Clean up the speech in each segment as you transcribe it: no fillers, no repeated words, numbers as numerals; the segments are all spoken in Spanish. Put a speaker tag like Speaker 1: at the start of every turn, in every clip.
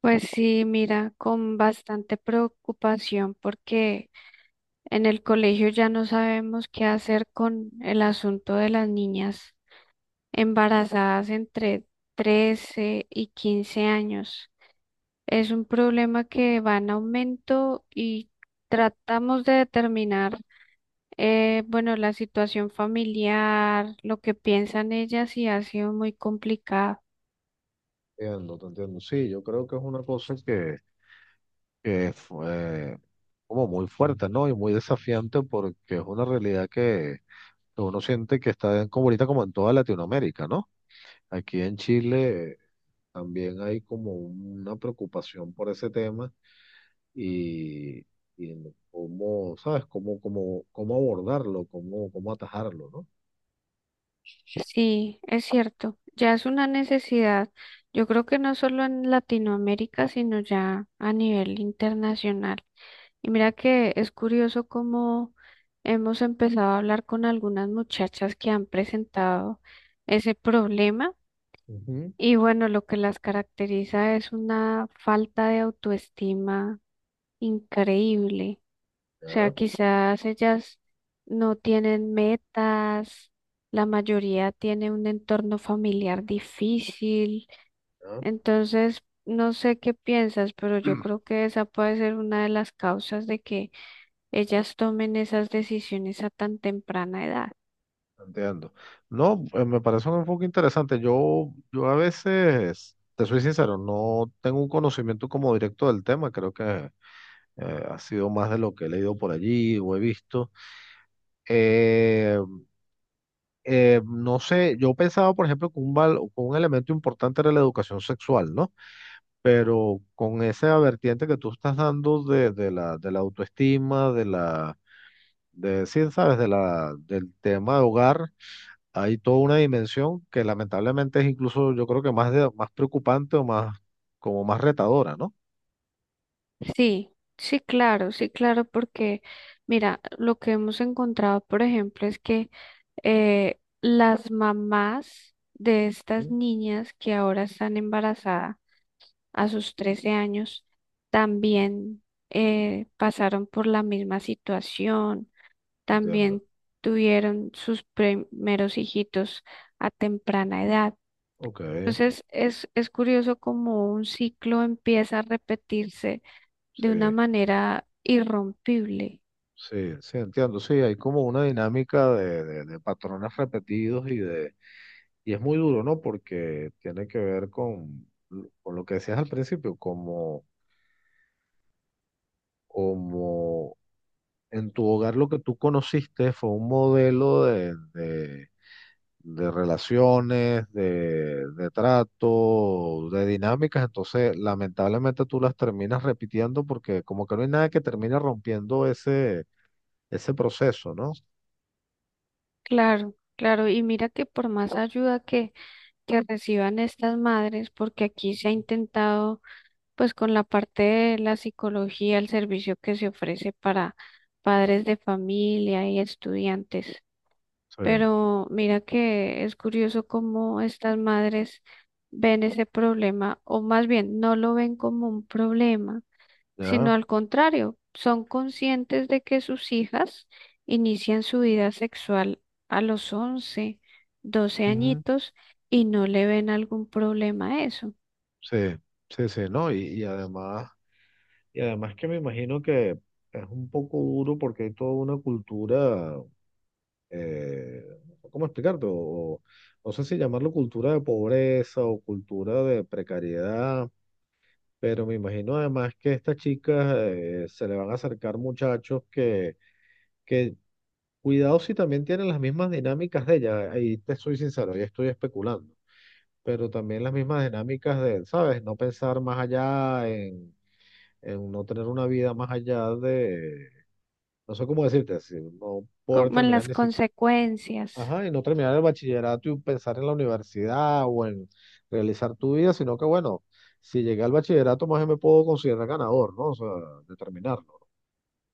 Speaker 1: Pues sí, mira, con bastante preocupación porque en el colegio ya no sabemos qué hacer con el asunto de las niñas embarazadas entre 13 y 15 años. Es un problema que va en aumento y tratamos de determinar, bueno, la situación familiar, lo que piensan ellas y ha sido muy complicado.
Speaker 2: Entiendo, te entiendo. Sí, yo creo que es una cosa que fue como muy fuerte, ¿no? Y muy desafiante porque es una realidad que uno siente que está en- como ahorita como en toda Latinoamérica, ¿no? Aquí en Chile también hay como una preocupación por ese tema y, y en cómo, ¿sabes? Cómo abordarlo, cómo atajarlo, ¿no?
Speaker 1: Sí, es cierto, ya es una necesidad, yo creo que no solo en Latinoamérica, sino ya a nivel internacional. Y mira que es curioso cómo hemos empezado a hablar con algunas muchachas que han presentado ese problema
Speaker 2: Ujú.
Speaker 1: y bueno, lo que las caracteriza es una falta de autoestima increíble. O sea,
Speaker 2: Ya,
Speaker 1: quizás ellas no tienen metas, la mayoría tiene un entorno familiar difícil, entonces no sé qué piensas, pero yo
Speaker 2: ya.
Speaker 1: creo que esa puede ser una de las causas de que ellas tomen esas decisiones a tan temprana edad.
Speaker 2: Entiendo. No, me parece un enfoque interesante. Yo a veces, te soy sincero, no tengo un conocimiento como directo del tema. Creo que ha sido más de lo que he leído por allí o he visto. Eh, no sé, yo pensaba, por ejemplo, que que un elemento importante era la educación sexual, ¿no? Pero con esa vertiente que tú estás dando de la autoestima, sí, sabes, del tema de hogar. Hay toda una dimensión que lamentablemente es incluso, yo creo que más, más preocupante o más, como más retadora, ¿no?
Speaker 1: Sí, sí, claro, sí, claro, porque mira, lo que hemos encontrado, por ejemplo, es que las mamás de estas
Speaker 2: Mm.
Speaker 1: niñas que ahora están embarazadas, a sus 13 años, también pasaron por la misma situación,
Speaker 2: Entiendo.
Speaker 1: también tuvieron sus primeros hijitos a temprana edad.
Speaker 2: Ok,
Speaker 1: Entonces es curioso como un ciclo empieza a repetirse
Speaker 2: sí,
Speaker 1: de una manera irrompible.
Speaker 2: sí, sí, entiendo. Sí, hay como una dinámica de patrones repetidos y de, y es muy duro, ¿no? Porque tiene que ver con lo que decías al principio, como, como en tu hogar lo que tú conociste fue un modelo de relaciones, de trato, de dinámicas, entonces lamentablemente tú las terminas repitiendo porque como que no hay nada que termine rompiendo ese, ese proceso, ¿no?
Speaker 1: Claro, claro. Y mira que por más ayuda que reciban estas madres, porque aquí se ha intentado pues con la parte de la psicología, el servicio que se ofrece para padres de familia y estudiantes.
Speaker 2: Sí.
Speaker 1: Pero mira que es curioso cómo estas madres ven ese problema, o más bien no lo ven como un problema, sino
Speaker 2: ¿Ya?
Speaker 1: al contrario, son conscientes de que sus hijas inician su vida sexual a los once doce
Speaker 2: Ujú.
Speaker 1: añitos y no le ven algún problema a eso,
Speaker 2: Sí, sí, sí, ¿no? Y además que me imagino que es un poco duro porque hay toda una cultura. No, ¿cómo explicarte? O, no sé si llamarlo cultura de pobreza o cultura de precariedad, pero me imagino además que a estas chicas se le van a acercar muchachos que, cuidado si también tienen las mismas dinámicas de ellas, ahí te soy sincero, ya estoy especulando, pero también las mismas dinámicas de, ¿sabes? No pensar más allá en no tener una vida más allá de, no sé cómo decirte, así, no poder
Speaker 1: como en
Speaker 2: terminar
Speaker 1: las
Speaker 2: ni siquiera.
Speaker 1: consecuencias.
Speaker 2: Ajá, y no terminar el bachillerato y pensar en la universidad o en realizar tu vida, sino que bueno, si llegué al bachillerato, más bien me puedo considerar ganador, ¿no? O sea, de terminarlo.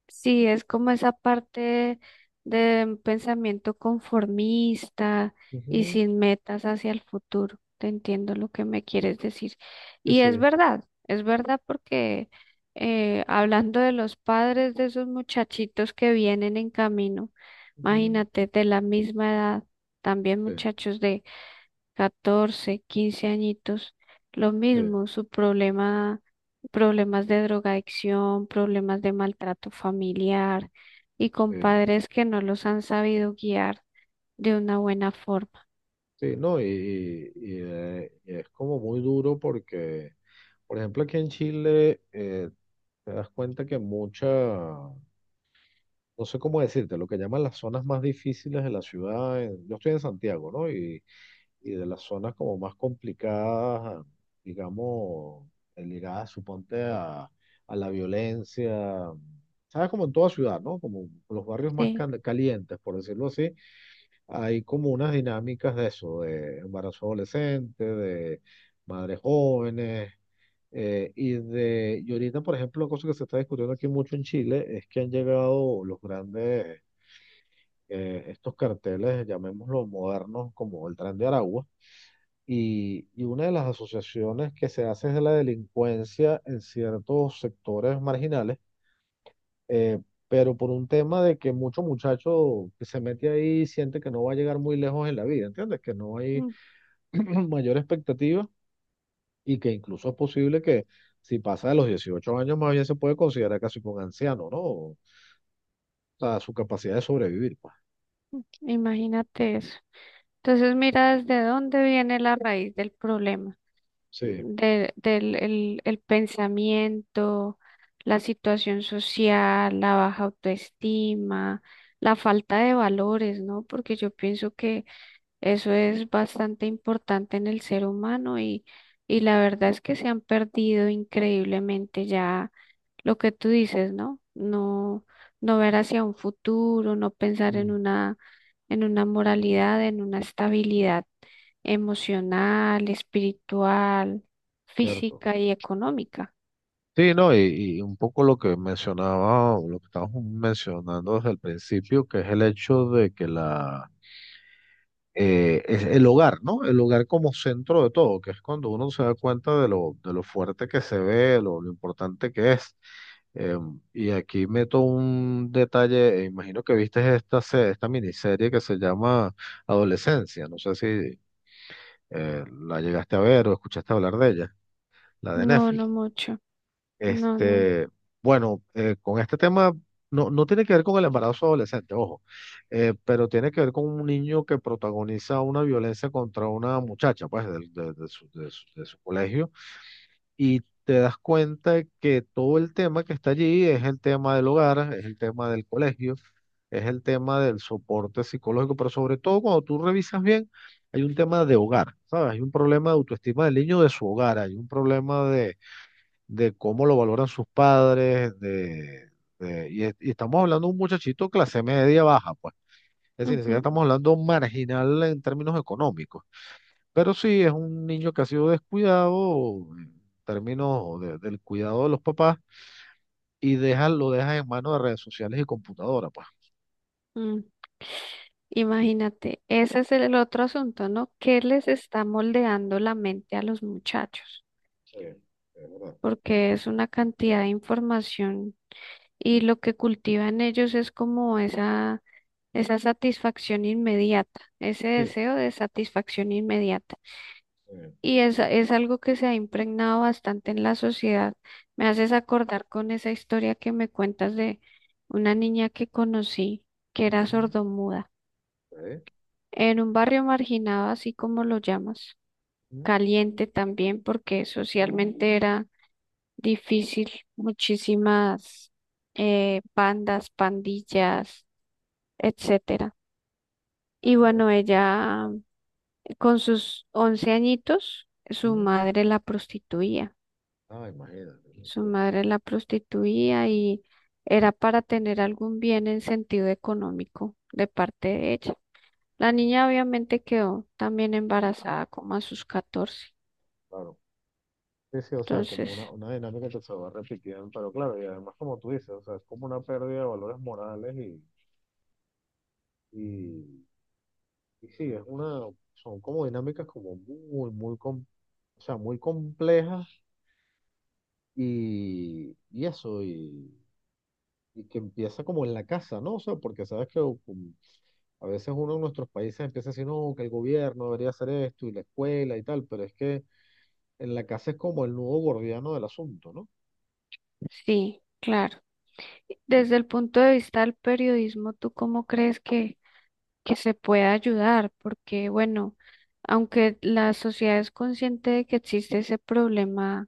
Speaker 1: Sí, es como esa parte de un pensamiento conformista y
Speaker 2: Ujú.
Speaker 1: sin metas hacia el futuro. Te entiendo lo que me quieres decir.
Speaker 2: Sí,
Speaker 1: Y
Speaker 2: sí,
Speaker 1: es verdad porque hablando de los padres de esos muchachitos que vienen en camino,
Speaker 2: ujú,
Speaker 1: imagínate, de la misma edad, también
Speaker 2: sí,
Speaker 1: muchachos de 14 15 añitos, lo
Speaker 2: sí,
Speaker 1: mismo, su problema, problemas de drogadicción, problemas de maltrato familiar y con
Speaker 2: sí,
Speaker 1: padres que no los han sabido guiar de una buena forma.
Speaker 2: sí, no, y es como muy duro porque, por ejemplo, aquí en Chile te das cuenta que mucha, no sé cómo decirte, lo que llaman las zonas más difíciles de la ciudad, en- yo estoy en Santiago, ¿no? Y de las zonas como más complicadas, digamos, ligadas, suponte, a la violencia, ¿sabes? Como en toda ciudad, ¿no? Como los barrios más
Speaker 1: Sí,
Speaker 2: cal- calientes, por decirlo así, hay como unas dinámicas de eso, de embarazo adolescente, de madres jóvenes. Y de, y ahorita, por ejemplo, una cosa que se está discutiendo aquí mucho en Chile es que han llegado los grandes, estos carteles, llamémoslo modernos, como el Tren de Aragua, y una de las asociaciones que se hace es de la delincuencia en ciertos sectores marginales, eh, pero por un tema de que mucho muchacho que se mete ahí siente que no va a llegar muy lejos en la vida, ¿entiendes? Que no hay
Speaker 1: mm,
Speaker 2: mayor expectativa y que incluso es posible que si pasa de los 18 años más bien se puede considerar casi como un anciano, ¿no? O sea, su capacidad de sobrevivir, pues.
Speaker 1: imagínate eso. Entonces mira desde dónde viene la raíz del problema.
Speaker 2: Sí,
Speaker 1: El pensamiento, la situación social, la baja autoestima, la falta de valores, ¿no? Porque yo pienso que eso es bastante importante en el ser humano y la verdad es que se han perdido increíblemente ya lo que tú dices, ¿no? No, no ver hacia un futuro, no pensar
Speaker 2: mm,
Speaker 1: en una moralidad, en una estabilidad emocional, espiritual,
Speaker 2: cierto.
Speaker 1: física y económica.
Speaker 2: Sí, no, y un poco lo que mencionaba, o lo que estábamos mencionando desde el principio, que es el hecho de que la, es el hogar, ¿no? El hogar como centro de todo, que es cuando uno se da cuenta de lo fuerte que se ve, lo importante que es. Eh, y aquí meto un detalle, imagino que viste esta miniserie que se llama Adolescencia, no sé si la llegaste a ver o escuchaste hablar de ella, la de
Speaker 1: No,
Speaker 2: Netflix.
Speaker 1: no mucho. No, no.
Speaker 2: Este, bueno, con este tema no, no tiene que ver con el embarazo adolescente, ojo, pero tiene que ver con un niño que protagoniza una violencia contra una muchacha, pues, de su, de su colegio, y te das cuenta que todo el tema que está allí es el tema del hogar, es el tema del colegio, es el tema del soporte psicológico, pero sobre todo cuando tú revisas bien, hay un tema de hogar, ¿sabes? Hay un problema de autoestima del niño de su hogar, hay un problema de cómo lo valoran sus padres, de, y estamos hablando de un muchachito clase media baja, pues. Es decir, ni siquiera
Speaker 1: Ujú.
Speaker 2: estamos hablando marginal en términos económicos, pero sí es un niño que ha sido descuidado en términos del cuidado de los papás y deja, lo deja en manos de redes sociales y computadora, pues.
Speaker 1: Mm. Imagínate, ese es el otro asunto, ¿no? ¿Qué les está moldeando la mente a los muchachos?
Speaker 2: Sí, es verdad.
Speaker 1: Porque es una cantidad de información y lo que cultiva en ellos es como esa satisfacción inmediata, ese
Speaker 2: Sí.
Speaker 1: deseo de satisfacción inmediata.
Speaker 2: Sí.
Speaker 1: Y es algo que se ha impregnado bastante en la sociedad. Me haces acordar con esa historia que me cuentas de una niña que conocí que era
Speaker 2: Ujú,
Speaker 1: sordomuda
Speaker 2: sí,
Speaker 1: en un barrio marginado, así como lo llamas,
Speaker 2: ujú,
Speaker 1: caliente también porque socialmente era difícil, muchísimas bandas, pandillas, etcétera. Y
Speaker 2: sí,
Speaker 1: bueno, ella con sus 11 añitos, su
Speaker 2: ujú.
Speaker 1: madre la prostituía.
Speaker 2: Ah, imagínate, qué
Speaker 1: Su
Speaker 2: triste.
Speaker 1: madre la prostituía y era para tener algún bien en sentido económico de parte de ella. La niña obviamente quedó también embarazada como a sus 14.
Speaker 2: Claro. Sí, sí, o sea, como
Speaker 1: Entonces,
Speaker 2: una dinámica que se va repitiendo, pero claro, y además como tú dices, o sea, es como una pérdida de valores morales y, y sí, es una, son como dinámicas como muy, o sea, muy complejas y eso, y que empieza como en la casa, ¿no? O sea, porque sabes que a veces uno en nuestros países empieza a decir, no, que el gobierno debería hacer esto y la escuela y tal, pero es que en la casa es como el nudo gordiano del asunto, ¿no?
Speaker 1: sí, claro. Desde el punto de vista del periodismo, ¿tú cómo crees que se puede ayudar? Porque, bueno, aunque la sociedad es consciente de que existe ese problema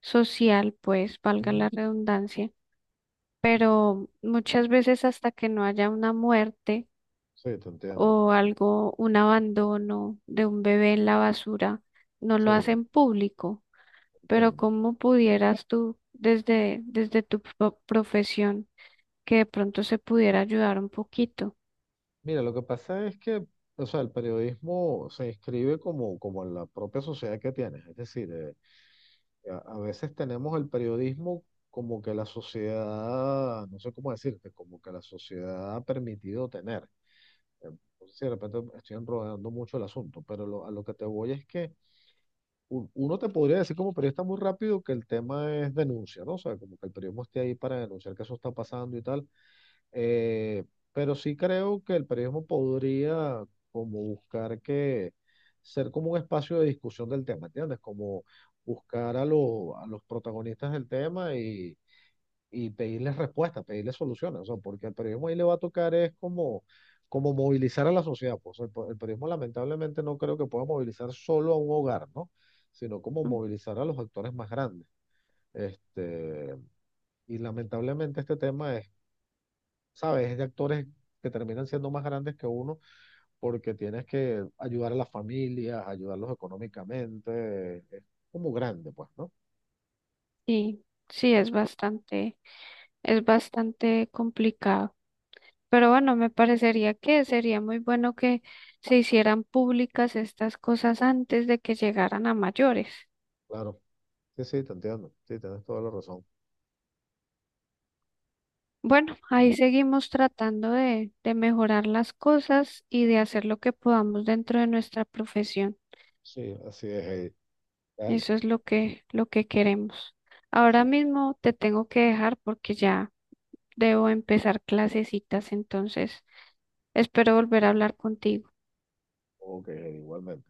Speaker 1: social, pues valga la
Speaker 2: Mm.
Speaker 1: redundancia, pero muchas veces hasta que no haya una muerte
Speaker 2: Sí, te entiendo.
Speaker 1: o algo, un abandono de un bebé en la basura, no lo
Speaker 2: Sí.
Speaker 1: hacen público. Pero
Speaker 2: Entiendo.
Speaker 1: ¿cómo pudieras tú, desde, desde profesión, que de pronto se pudiera ayudar un poquito?
Speaker 2: Mira, lo que pasa es que, o sea, el periodismo se inscribe como, como en la propia sociedad que tienes. Es decir, a veces tenemos el periodismo como que la sociedad, no sé cómo decirte, como que la sociedad ha permitido tener. Eh, No sé si de repente estoy enredando mucho el asunto, pero a lo que te voy es que uno te podría decir como periodista muy rápido que el tema es denuncia, ¿no? O sea, como que el periodismo esté ahí para denunciar que eso está pasando y tal. Eh, pero sí creo que el periodismo podría como buscar que ser como un espacio de discusión del tema, ¿entiendes? Como los a los protagonistas del tema y pedirles respuestas, pedirles soluciones, o sea, porque el periodismo ahí le va a tocar es como, como movilizar a la sociedad, pues el periodismo lamentablemente no creo que pueda movilizar solo a un hogar, ¿no? Sino como
Speaker 1: Mm.
Speaker 2: movilizar a los actores más grandes. Este, y lamentablemente este tema es, ¿sabes? Es de actores que terminan siendo más grandes que uno porque tienes que ayudar a las familias, ayudarlos económicamente. Es como grande, pues, ¿no?
Speaker 1: Sí, sí, es bastante complicado. Pero bueno, me parecería que sería muy bueno que se hicieran públicas estas cosas antes de que llegaran a mayores.
Speaker 2: Claro. Sí, sí, te entiendo. Sí, tienes toda la razón.
Speaker 1: Bueno, ahí seguimos tratando de mejorar las cosas y de hacer lo que podamos dentro de nuestra profesión.
Speaker 2: Sí, así es, Heidi. Dale.
Speaker 1: Eso es lo que queremos. Ahora
Speaker 2: Así.
Speaker 1: mismo te tengo que dejar porque ya debo empezar clasecitas, entonces espero volver a hablar contigo.
Speaker 2: Ok, Heidi, igualmente.